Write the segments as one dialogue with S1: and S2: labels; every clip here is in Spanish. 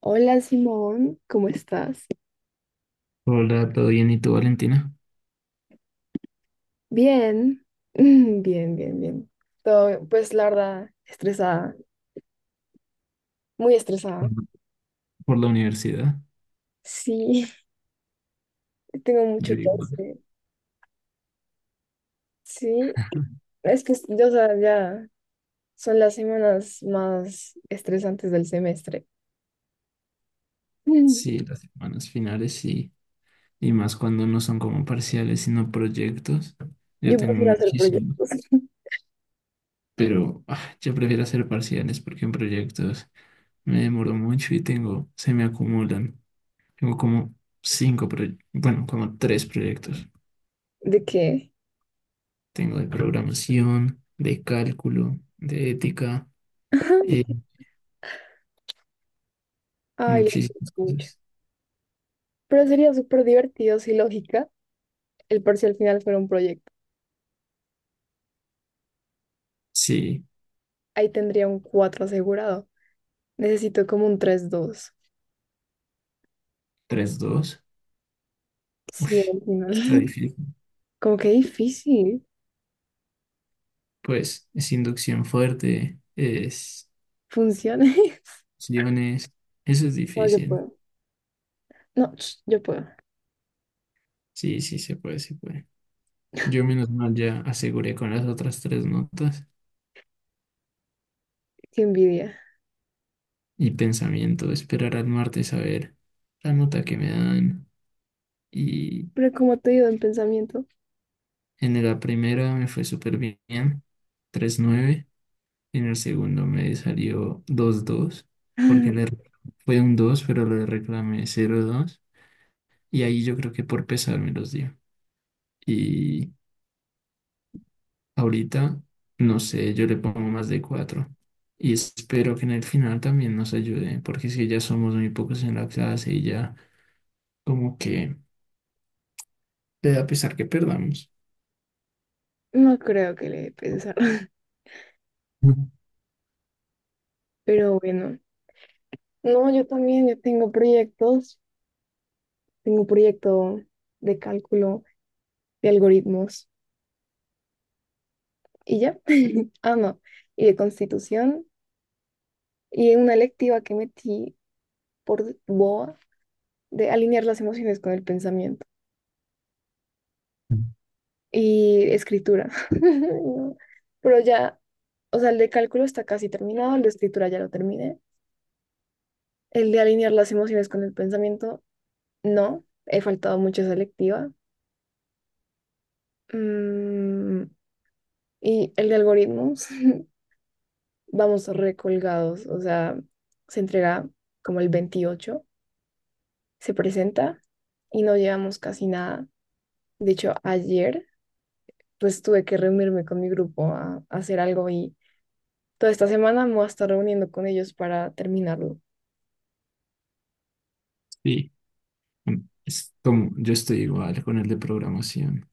S1: Hola Simón, ¿cómo estás?
S2: Hola, ¿todo bien? ¿Y tú, Valentina?
S1: Bien, bien, bien, bien. Todo, pues la verdad, estresada, muy
S2: Por
S1: estresada.
S2: por la universidad.
S1: Sí, tengo mucho
S2: Yo
S1: que
S2: igual.
S1: hacer. Sí, es que yo, o sea, ya son las semanas más estresantes del semestre.
S2: Sí, las semanas finales y más cuando no son como parciales, sino proyectos. Yo
S1: Yo
S2: tengo
S1: prefiero hacer
S2: muchísimo,
S1: proyectos.
S2: pero ah, yo prefiero hacer parciales porque en proyectos me demoro mucho y tengo, se me acumulan. Tengo como cinco proyectos, bueno, como tres proyectos.
S1: ¿De qué?
S2: Tengo de programación, de cálculo, de ética,
S1: Ajá.
S2: eh,
S1: Ay, lo siento
S2: muchísimas
S1: mucho.
S2: cosas.
S1: Pero sería súper divertido si lógica el parcial final fuera un proyecto.
S2: Sí,
S1: Ahí tendría un 4 asegurado. Necesito como un 3.2.
S2: 3,2. Uy,
S1: Sí, al final.
S2: está difícil.
S1: Como que difícil.
S2: Pues es inducción fuerte, es
S1: Funciones.
S2: opciones. Eso es
S1: No, yo
S2: difícil.
S1: puedo. No, ch, yo puedo.
S2: Sí, sí, se puede, se puede. Yo menos mal ya aseguré con las otras tres notas
S1: Qué envidia.
S2: y pensamiento. Esperar al martes a ver la nota que me dan. Y
S1: Pero como te digo en pensamiento,
S2: en la primera me fue súper bien, 3,9. En el segundo me salió 2,2, porque le fue un dos, pero le reclamé 0,2. Y ahí yo creo que por pesar me los dio. Y ahorita, no sé, yo le pongo más de cuatro. Y espero que en el final también nos ayude, porque si ya somos muy pocos en la clase y ya como que le da pesar que perdamos.
S1: no creo que le dé pensar.
S2: Ujú.
S1: Pero bueno. No, yo también, yo tengo proyectos. Tengo un proyecto de cálculo, de algoritmos. Y ya. Ah, no. Y de constitución. Y una electiva que metí por boa, de alinear las emociones con el pensamiento. Y escritura. No, pero ya, o sea, el de cálculo está casi terminado, el de escritura ya lo terminé. El de alinear las emociones con el pensamiento, no, he faltado mucho a esa lectiva. Mm, y el de algoritmos, vamos recolgados, o sea, se entrega como el 28, se presenta, y no llevamos casi nada. De hecho, ayer pues tuve que reunirme con mi grupo a hacer algo. Y toda esta semana me voy a estar reuniendo con ellos para terminarlo.
S2: Sí, mm, es como yo estoy igual con el de programación.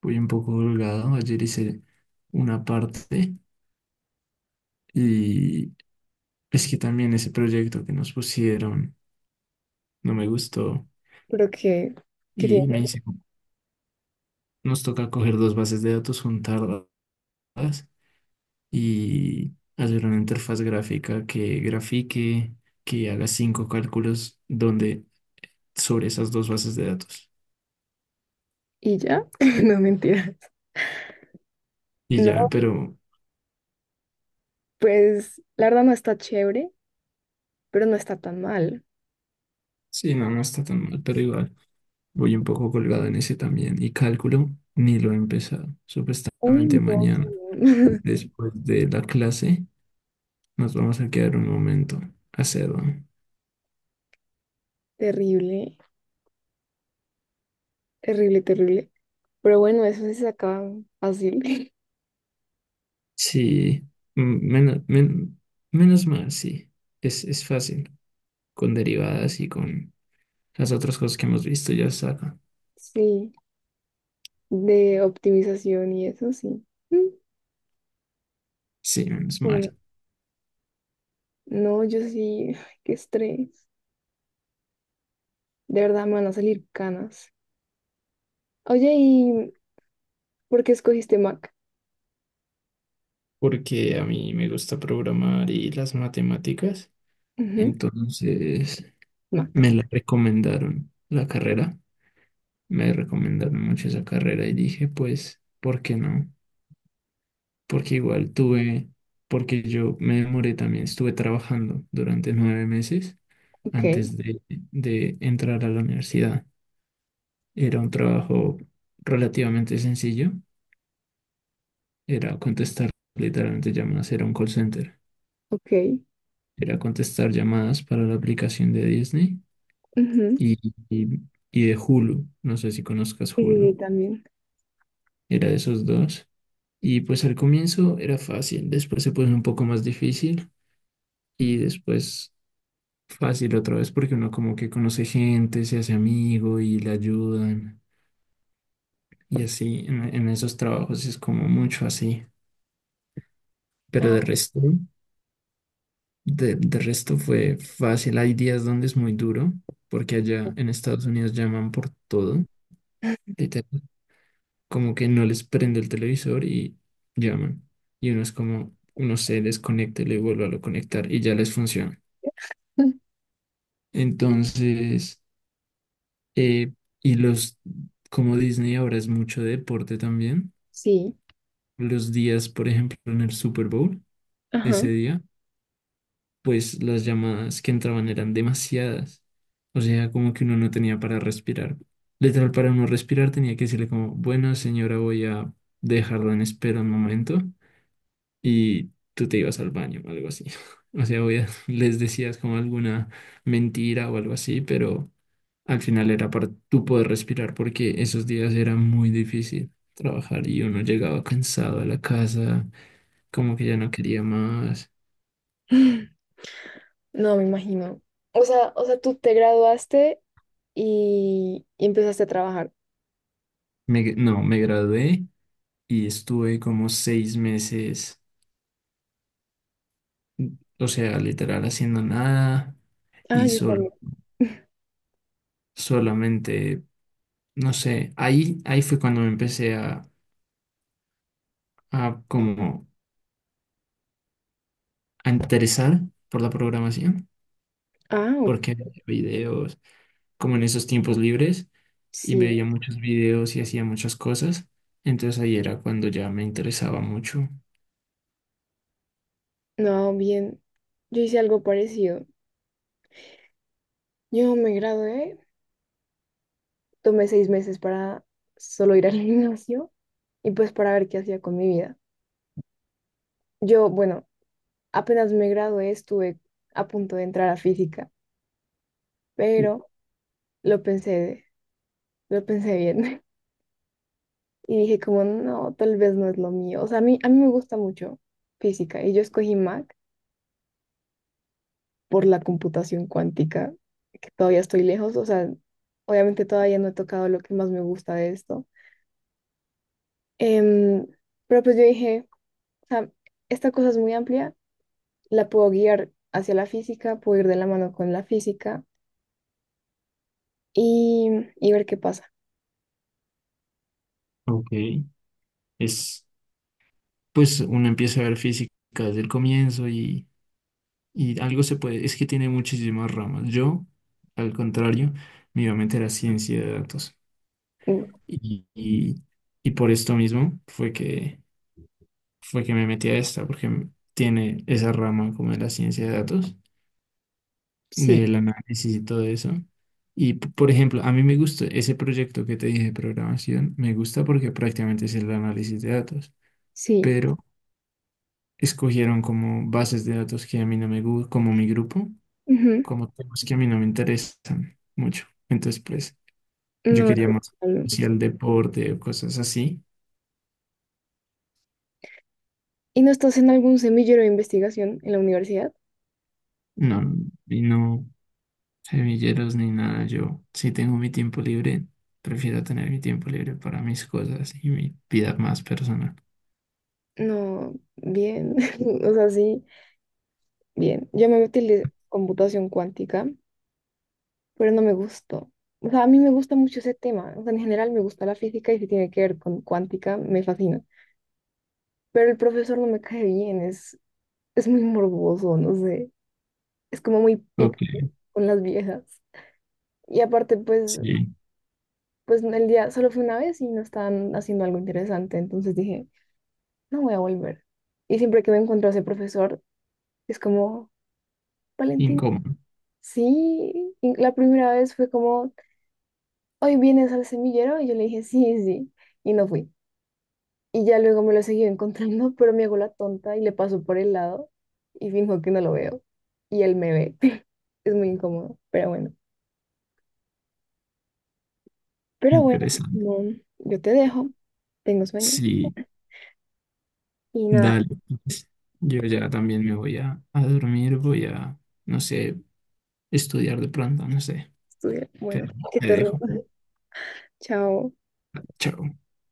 S2: Voy un poco holgado. Ayer hice una parte y es que también ese proyecto que nos pusieron no me gustó
S1: Pero que, que tiene-
S2: y me dice, nos toca coger dos bases de datos, juntarlas y hacer una interfaz gráfica que grafique, que haga cinco cálculos donde sobre esas dos bases de datos.
S1: Y ya, no, mentiras.
S2: Y
S1: No,
S2: ya, pero
S1: pues la verdad no está chévere, pero no está tan mal.
S2: sí, no, no está tan mal, pero igual voy un poco colgado en ese también. Y cálculo ni lo he empezado.
S1: Uy,
S2: Supuestamente
S1: no,
S2: mañana,
S1: no.
S2: después de la clase, nos vamos a quedar un momento a hacerlo.
S1: Terrible, terrible, terrible. Pero bueno, eso sí se saca fácil.
S2: Sí, menos, menos mal, sí. Es fácil, con derivadas y con las otras cosas que hemos visto ya saben.
S1: Sí, de optimización y eso sí. Mm,
S2: Sí, menos
S1: bueno,
S2: mal.
S1: no, yo sí, qué estrés. De verdad me van a salir canas. Oye, ¿y por qué escogiste Mac?
S2: Porque a mí me gusta programar y las matemáticas.
S1: Ujú,
S2: Entonces
S1: Mac.
S2: me la recomendaron la carrera. Me recomendaron mucho esa carrera y dije, pues, ¿por qué no? Porque igual tuve, porque yo me demoré también, estuve trabajando durante 9 meses
S1: Ok,
S2: antes de entrar a la universidad. Era un trabajo relativamente sencillo, era contestar, literalmente llamadas, era un call center.
S1: ok.
S2: Era contestar llamadas para la aplicación de Disney
S1: Ujú,
S2: y, y, y de Hulu. No sé si conozcas
S1: sí, sí, sí,
S2: Hulu.
S1: también.
S2: Era de esos dos. Y pues al comienzo era fácil, después se puso un poco más difícil y después fácil otra vez porque uno como que conoce gente, se hace amigo y le ayudan. Y así en esos trabajos es como mucho así. Pero
S1: Ah,
S2: de resto. De resto fue fácil. Hay días donde es muy duro, porque allá en Estados Unidos llaman por todo. Literal, como que no les prende el televisor y llaman. Y uno es como, uno se desconecta y le vuelve a lo conectar y ya les funciona. Entonces, eh, y los, como Disney ahora es mucho de deporte también,
S1: sí,
S2: los días, por ejemplo, en el Super Bowl,
S1: ajá.
S2: ese día, pues las llamadas que entraban eran demasiadas. O sea, como que uno no tenía para respirar. Literal, para uno respirar tenía que decirle como, bueno, señora, voy a dejarla en espera un momento y tú te ibas al baño o algo así. O sea, voy les decías como alguna mentira o algo así, pero al final era para tú poder respirar porque esos días era muy difícil trabajar y uno llegaba cansado a la casa, como que ya no quería más.
S1: No, me imagino. O sea, tú te graduaste y empezaste a trabajar.
S2: No, me gradué y estuve como 6 meses, o sea, literal haciendo nada
S1: Ah,
S2: y
S1: yo también.
S2: solo, solamente, no sé, ahí, ahí fue cuando me empecé a como a interesar por la programación,
S1: Ah, ok,
S2: porque veía videos, como en esos tiempos libres, y
S1: sí.
S2: veía muchos videos y hacía muchas cosas, entonces ahí era cuando ya me interesaba mucho.
S1: No, bien. Yo hice algo parecido. Yo me gradué, tomé 6 meses para solo ir al gimnasio y pues para ver qué hacía con mi vida. Yo, bueno, apenas me gradué, estuve a punto de entrar a física, pero lo pensé. Lo pensé bien y dije como, no, tal vez no es lo mío. O sea, a mí me gusta mucho física, y yo escogí Mac por la computación cuántica, que todavía estoy lejos. O sea, obviamente todavía no he tocado lo que más me gusta de esto. Em, pero pues yo dije, o sea, esta cosa es muy amplia, la puedo guiar hacia la física, puedo ir de la mano con la física y, y ver qué pasa.
S2: Ok, es, pues uno empieza a ver física desde el comienzo y algo se puede, es que tiene muchísimas ramas. Yo, al contrario, me iba a meter a ciencia de datos.
S1: Mm,
S2: Y, y, y por esto mismo fue que, me metí a esta, porque tiene esa rama como de la ciencia de datos,
S1: sí,
S2: del análisis y todo eso. Y, por ejemplo, a mí me gusta ese proyecto que te dije de programación, me gusta porque prácticamente es el análisis de datos,
S1: sí.
S2: pero escogieron como bases de datos que a mí no me gusta, como mi grupo.
S1: Ujú,
S2: Como temas que a mí no me interesan mucho. Entonces, pues, yo
S1: no,
S2: quería más
S1: em,
S2: hacia el deporte o cosas así.
S1: ¿y no estás en algún semillero de investigación en la universidad?
S2: No, y no semilleros ni nada. Yo, si tengo mi tiempo libre, prefiero tener mi tiempo libre para mis cosas y mi vida más personal.
S1: No, bien, o sea, sí, bien. Yo me metí en computación cuántica, pero no me gustó. O sea, a mí me gusta mucho ese tema. O sea, en general me gusta la física, y si tiene que ver con cuántica, me fascina. Pero el profesor no me cae bien, es muy morboso, no sé. Es como muy picky
S2: Ok,
S1: con las viejas. Y aparte, pues,
S2: sí,
S1: pues el día solo fue una vez y no estaban haciendo algo interesante. Entonces dije, no voy a volver. Y siempre que me encuentro a ese profesor, es como, Valentina.
S2: incómodo,
S1: Sí, y la primera vez fue como, hoy vienes al semillero, y yo le dije, sí, sí, y no fui. Y ya luego me lo seguí encontrando, pero me hago la tonta y le paso por el lado y finjo que no lo veo. Y él me ve. Es muy incómodo, pero bueno. Pero bueno,
S2: interesante.
S1: no, yo te dejo, tengo sueño
S2: Sí,
S1: y nada,
S2: dale, pues. Yo ya también me voy a dormir, voy a, no sé, estudiar de pronto, no sé.
S1: estudia. Bueno,
S2: Pero
S1: que
S2: te
S1: te rinda.
S2: dejo.
S1: Chao.
S2: Chao.